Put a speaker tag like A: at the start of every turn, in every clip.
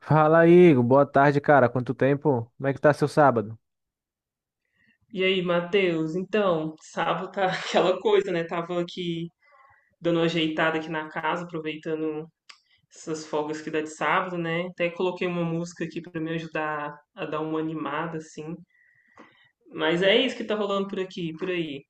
A: Fala aí, Igor. Boa tarde, cara. Quanto tempo? Como é que tá seu sábado?
B: E aí, Matheus? Então, sábado tá aquela coisa, né? Tava aqui dando uma ajeitada aqui na casa, aproveitando essas folgas que dá de sábado, né? Até coloquei uma música aqui pra me ajudar a dar uma animada, assim. Mas é isso que tá rolando por aqui, por aí.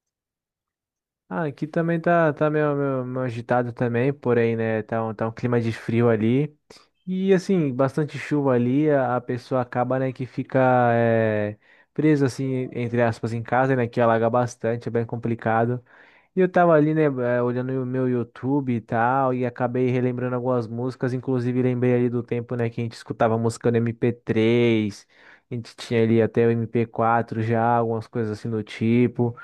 A: Ah, aqui também tá, tá meio agitado também, porém, né, tá tá um clima de frio ali. E assim, bastante chuva ali, a pessoa acaba, né, que fica é, presa, assim, entre aspas, em casa, né, que alaga bastante, é bem complicado. E eu tava ali, né, olhando o meu YouTube e tal, e acabei relembrando algumas músicas, inclusive lembrei ali do tempo, né, que a gente escutava música no MP3, a gente tinha ali até o MP4 já, algumas coisas assim do tipo.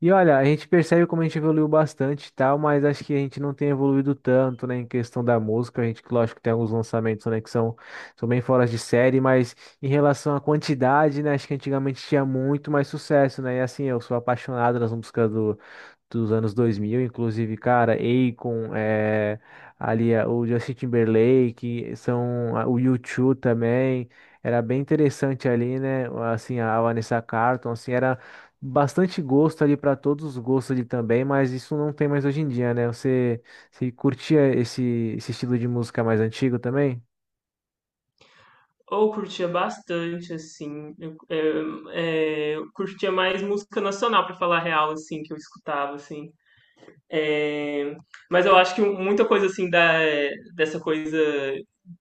A: E olha, a gente percebe como a gente evoluiu bastante e tal, mas acho que a gente não tem evoluído tanto, né, em questão da música. A gente, que lógico, tem alguns lançamentos, né, são bem fora de série, mas em relação à quantidade, né, acho que antigamente tinha muito mais sucesso, né, e assim, eu sou apaixonado nas músicas do dos anos 2000 inclusive, cara, Akon, ali o Justin Timberlake, são o U2 também, era bem interessante ali, né? Assim, a Vanessa Carlton, assim, era bastante gosto ali para todos os gostos ali também, mas isso não tem mais hoje em dia, né? Você curtia esse estilo de música mais antigo também?
B: Ou curtia bastante, assim. Eu, eu curtia mais música nacional, pra falar a real, assim, que eu escutava, assim. É, mas eu acho que muita coisa assim dessa coisa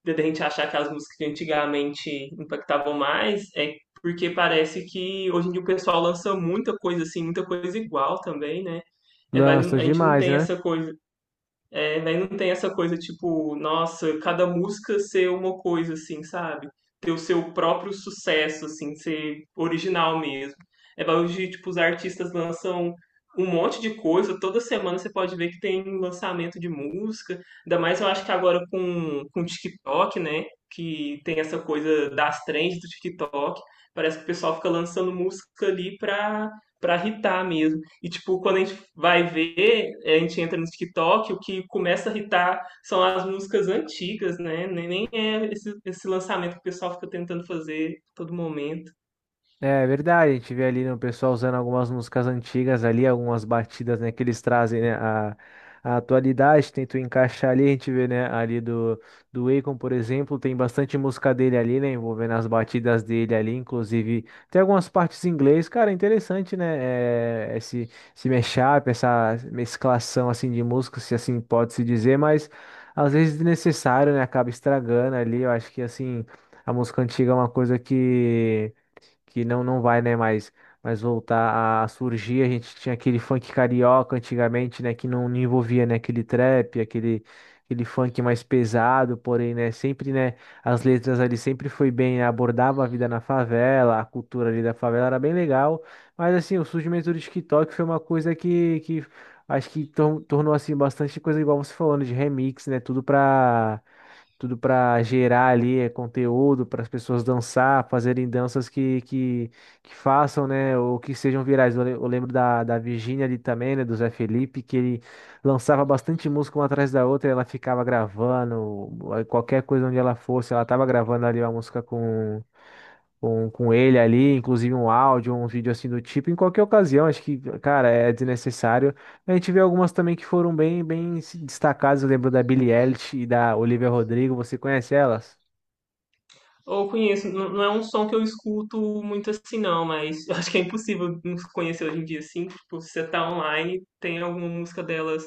B: de a gente achar que as músicas de antigamente impactavam mais é porque parece que hoje em dia o pessoal lança muita coisa assim, muita coisa igual também, né? É,
A: Lança
B: a gente não
A: demais,
B: tem
A: né?
B: essa coisa, daí não tem essa coisa tipo, nossa, cada música ser uma coisa assim, sabe? Ter o seu próprio sucesso, assim, ser original mesmo. É bagulho de, tipo, os artistas lançam um monte de coisa, toda semana você pode ver que tem lançamento de música, ainda mais eu acho que agora com o TikTok, né? Que tem essa coisa das trends do TikTok, parece que o pessoal fica lançando música ali pra hitar mesmo. E, tipo, quando a gente vai ver, é, a gente entra no TikTok, o que começa a hitar são as músicas antigas, né? Nem é esse lançamento que o pessoal fica tentando fazer a todo momento.
A: É é verdade, a gente vê ali, né, o pessoal usando algumas músicas antigas ali, algumas batidas, né, que eles trazem, né, a atualidade, tentam encaixar ali, a gente vê, né, ali do Akon, por exemplo, tem bastante música dele ali, né, envolvendo as batidas dele ali, inclusive tem algumas partes em inglês, cara, é interessante, né, é, esse, esse mashup, essa mesclação, assim, de músicas, se assim pode-se dizer, mas às vezes desnecessário, né, acaba estragando ali, eu acho que, assim, a música antiga é uma coisa que não vai, né, mais voltar a surgir. A gente tinha aquele funk carioca antigamente, né, que não envolvia, né, aquele trap, aquele funk mais pesado, porém, né, sempre, né, as letras ali sempre foi bem, né, abordava a vida na favela, a cultura ali da favela era bem legal. Mas assim, o surgimento do TikTok foi uma coisa que acho que tornou assim bastante coisa igual você falando de remix, né? Tudo pra tudo para gerar ali é, conteúdo para as pessoas dançar, fazerem danças que façam, né, ou que sejam virais. Eu lembro da Virgínia ali também, né, do Zé Felipe, que ele lançava bastante música uma atrás da outra, e ela ficava gravando, aí qualquer coisa onde ela fosse, ela tava gravando ali uma música com ele ali, inclusive um áudio, um vídeo assim do tipo, em qualquer ocasião, acho que, cara, é desnecessário. A gente vê algumas também que foram bem se destacadas, eu lembro da Billie Eilish e da Olivia Rodrigo, você conhece elas?
B: Ou conheço, não é um som que eu escuto muito assim, não, mas eu acho que é impossível não conhecer hoje em dia, assim. Tipo, se você tá online, tem alguma música delas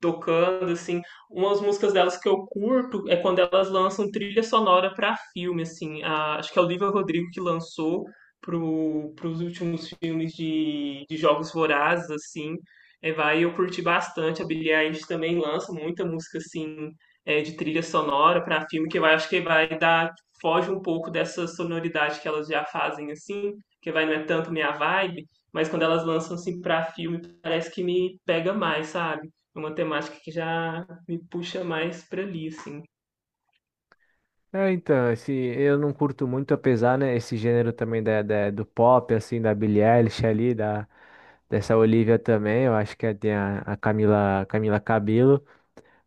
B: tocando, assim. Umas músicas delas que eu curto é quando elas lançam trilha sonora para filme, assim. Acho que é o Olivia Rodrigo que lançou pros últimos filmes de Jogos Vorazes, assim. É, vai, eu curti bastante. A Billie Eilish também lança muita música, assim, é, de trilha sonora para filme, que eu acho que vai dar, foge um pouco dessa sonoridade que elas já fazem, assim, que vai, não é tanto minha vibe, mas quando elas lançam, assim, para filme, parece que me pega mais, sabe? Uma temática que já me puxa mais para ali, assim.
A: É, então, esse, eu não curto muito, apesar, né, esse gênero também do pop, assim, da Billie Eilish ali, da, dessa Olivia também, eu acho que a Camila, Camila Cabello.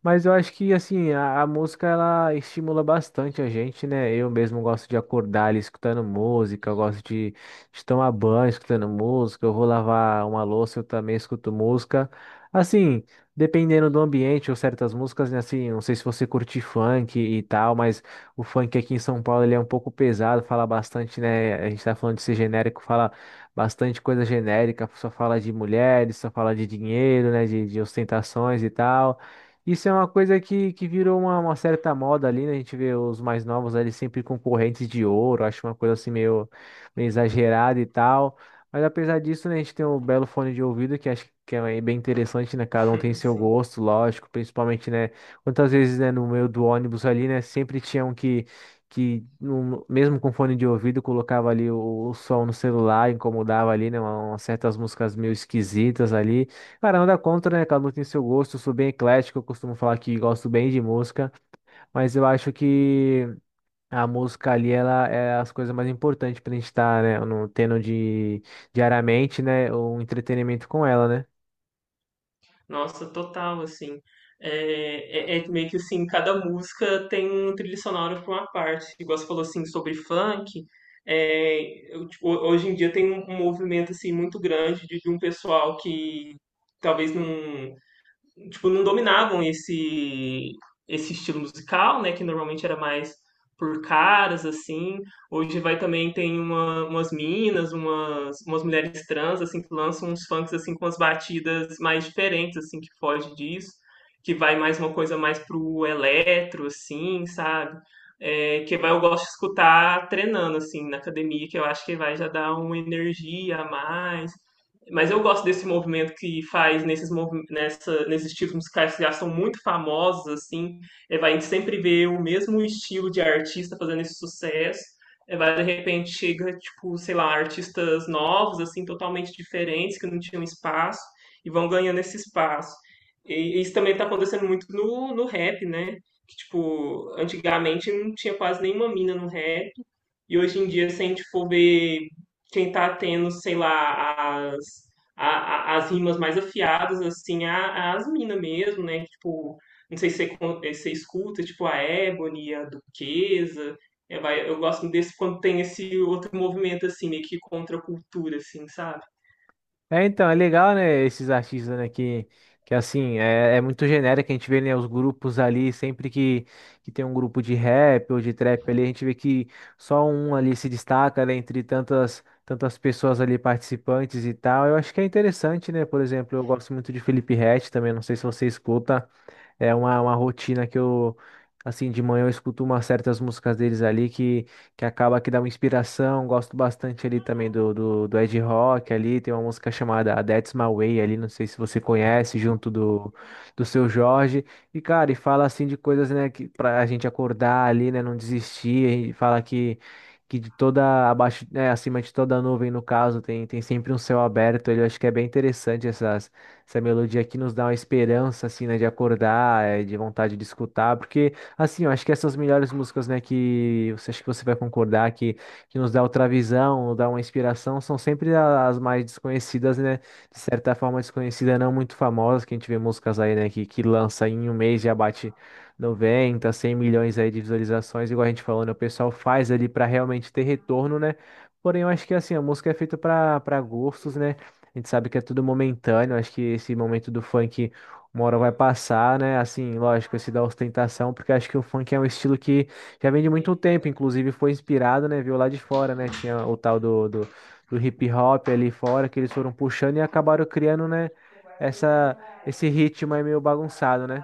A: Mas eu acho que assim, a música ela estimula bastante a gente, né? Eu mesmo gosto de acordar ali escutando música, eu gosto de tomar banho escutando música, eu vou lavar uma louça, eu também escuto música. Assim, dependendo do ambiente ou certas músicas, né? Assim, não sei se você curte funk e tal, mas o funk aqui em São Paulo ele é um pouco pesado, fala bastante, né? A gente tá falando de ser genérico, fala bastante coisa genérica, só fala de mulheres, só fala de dinheiro, né? De ostentações e tal. Isso é uma coisa que virou uma certa moda ali, né? A gente vê os mais novos ali sempre com correntes de ouro, acho uma coisa assim meio exagerada e tal. Mas apesar disso, né, a gente tem um belo fone de ouvido que acho que é bem interessante, né? Cada um tem seu
B: assim.
A: gosto, lógico, principalmente, né? Quantas vezes, né, no meio do ônibus ali, né, sempre tinha um que mesmo com fone de ouvido, colocava ali o som no celular, incomodava ali, né? Umas certas músicas meio esquisitas ali. Cara, nada contra, né? Cada um tem seu gosto. Eu sou bem eclético, eu costumo falar que gosto bem de música, mas eu acho que a música ali, ela é as coisas mais importantes pra gente estar, né? No, tendo de, diariamente, né? Um entretenimento com ela, né?
B: Nossa, total, assim. É, é meio que assim, cada música tem um trilho sonoro para uma parte. Igual você falou assim sobre funk. É, eu, tipo, hoje em dia tem um movimento assim muito grande de um pessoal que talvez não tipo, não dominavam esse estilo musical, né? Que normalmente era mais por caras, assim. Hoje vai também tem umas minas, umas mulheres trans, assim, que lançam uns funks, assim, com as batidas mais diferentes, assim, que foge disso. Que vai mais uma coisa mais pro eletro, assim, sabe? É, que vai, eu gosto de escutar treinando, assim, na academia, que eu acho que vai já dar uma energia a mais. Mas eu gosto desse movimento que faz nesses, nessa, nesses tipos musicais que já são muito famosos, assim. É, vai, a gente sempre vê o mesmo estilo de artista fazendo esse sucesso. É, vai, de repente chega, tipo, sei lá, artistas novos, assim, totalmente diferentes, que não tinham espaço, e vão ganhando esse espaço. E isso também está acontecendo muito no rap, né? Que, tipo, antigamente não tinha quase nenhuma mina no rap. E hoje em dia, se a gente for ver quem tá tendo, sei lá, as rimas mais afiadas, assim, as minas mesmo, né? Tipo, não sei se você, você escuta, tipo, a Ebony, a Duquesa. É, eu gosto desse quando tem esse outro movimento, assim, meio que contra a cultura, assim, sabe?
A: É, então, é legal, né, esses artistas, né, é muito genérico, a gente vê, né, os grupos ali, que tem um grupo de rap ou de trap ali, a gente vê que só um ali se destaca, né, entre tantas pessoas ali participantes e tal, eu acho que é interessante, né, por exemplo, eu gosto muito de Felipe Ret também, não sei se você escuta, é uma rotina assim, de manhã eu escuto umas certas músicas deles ali que acaba que dá uma inspiração. Gosto bastante ali também do Ed Rock ali. Tem uma música chamada A That's My Way ali, não sei se você conhece, junto do Seu Jorge. E, cara, e fala assim de coisas, né, que pra gente acordar ali, né, não desistir. E fala que. Que de toda abaixo, né, acima de toda nuvem, no caso, tem sempre um céu aberto. Eu acho que é bem interessante essa melodia que nos dá uma esperança, assim, né, de acordar, de vontade de escutar, porque, assim, eu acho que essas melhores músicas, né, que você acha que você vai concordar, que nos dá outra visão, nos dá uma inspiração, são sempre as mais desconhecidas, né, de certa forma desconhecida, não muito famosas, que a gente vê músicas aí, né, que lança em um mês já bate 90, 100 milhões aí de visualizações, igual a gente falou, né, o pessoal faz ali para realmente ter retorno, né, porém, eu acho que assim, a música é feita para gostos, né? A gente sabe que é tudo momentâneo, acho que esse momento do funk uma hora vai passar, né? Assim, lógico, esse da ostentação, porque acho que o funk é um estilo que já vem de muito tempo, inclusive foi inspirado, né? Viu lá de fora, né? Tinha o tal do hip hop ali fora, que eles foram puxando e acabaram criando, né? Essa, esse ritmo aí meio bagunçado, né?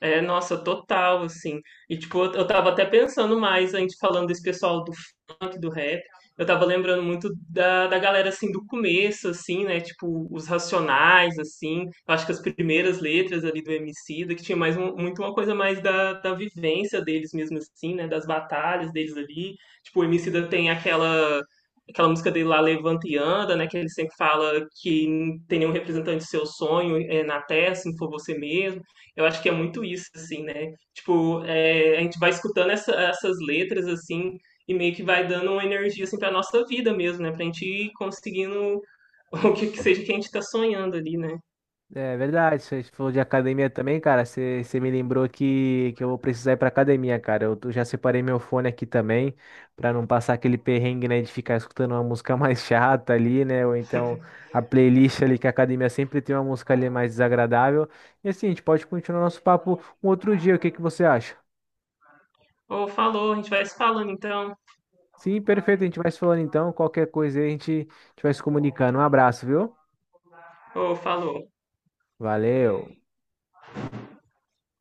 B: É, nossa, total, assim. E, tipo, eu tava até pensando mais, a gente falando desse pessoal funk, do rap. Eu tava lembrando muito da galera, assim, do começo, assim, né? Tipo, os Racionais, assim. Eu acho que as primeiras letras ali do Emicida, que tinha mais muito uma coisa mais da vivência deles mesmo, assim, né? Das batalhas deles ali. Tipo, o Emicida tem aquela... Aquela música dele lá, Levanta e Anda, né? Que ele sempre fala que não tem nenhum representante do seu sonho é, na Terra, se não for você mesmo. Eu acho que é muito isso, assim, né? Tipo, é, a gente vai escutando essas letras, assim, e meio que vai dando uma energia assim para a nossa vida mesmo, né? Para a gente ir conseguindo o que que seja que a gente está sonhando ali, né?
A: É verdade, você falou de academia também, cara. Você me lembrou que eu vou precisar ir pra academia, cara. Já separei meu fone aqui também, pra não passar aquele perrengue, né, de ficar escutando uma música mais chata ali, né? Ou então a playlist ali, que a academia sempre tem uma música ali mais desagradável. E assim, a gente pode continuar nosso papo um outro dia, o que que você acha?
B: Ô, falou, a gente vai se falando então.
A: Sim, perfeito, a gente vai se falando então. Qualquer coisa aí a gente vai se comunicando. Um abraço, viu?
B: Ô, falou.
A: Valeu.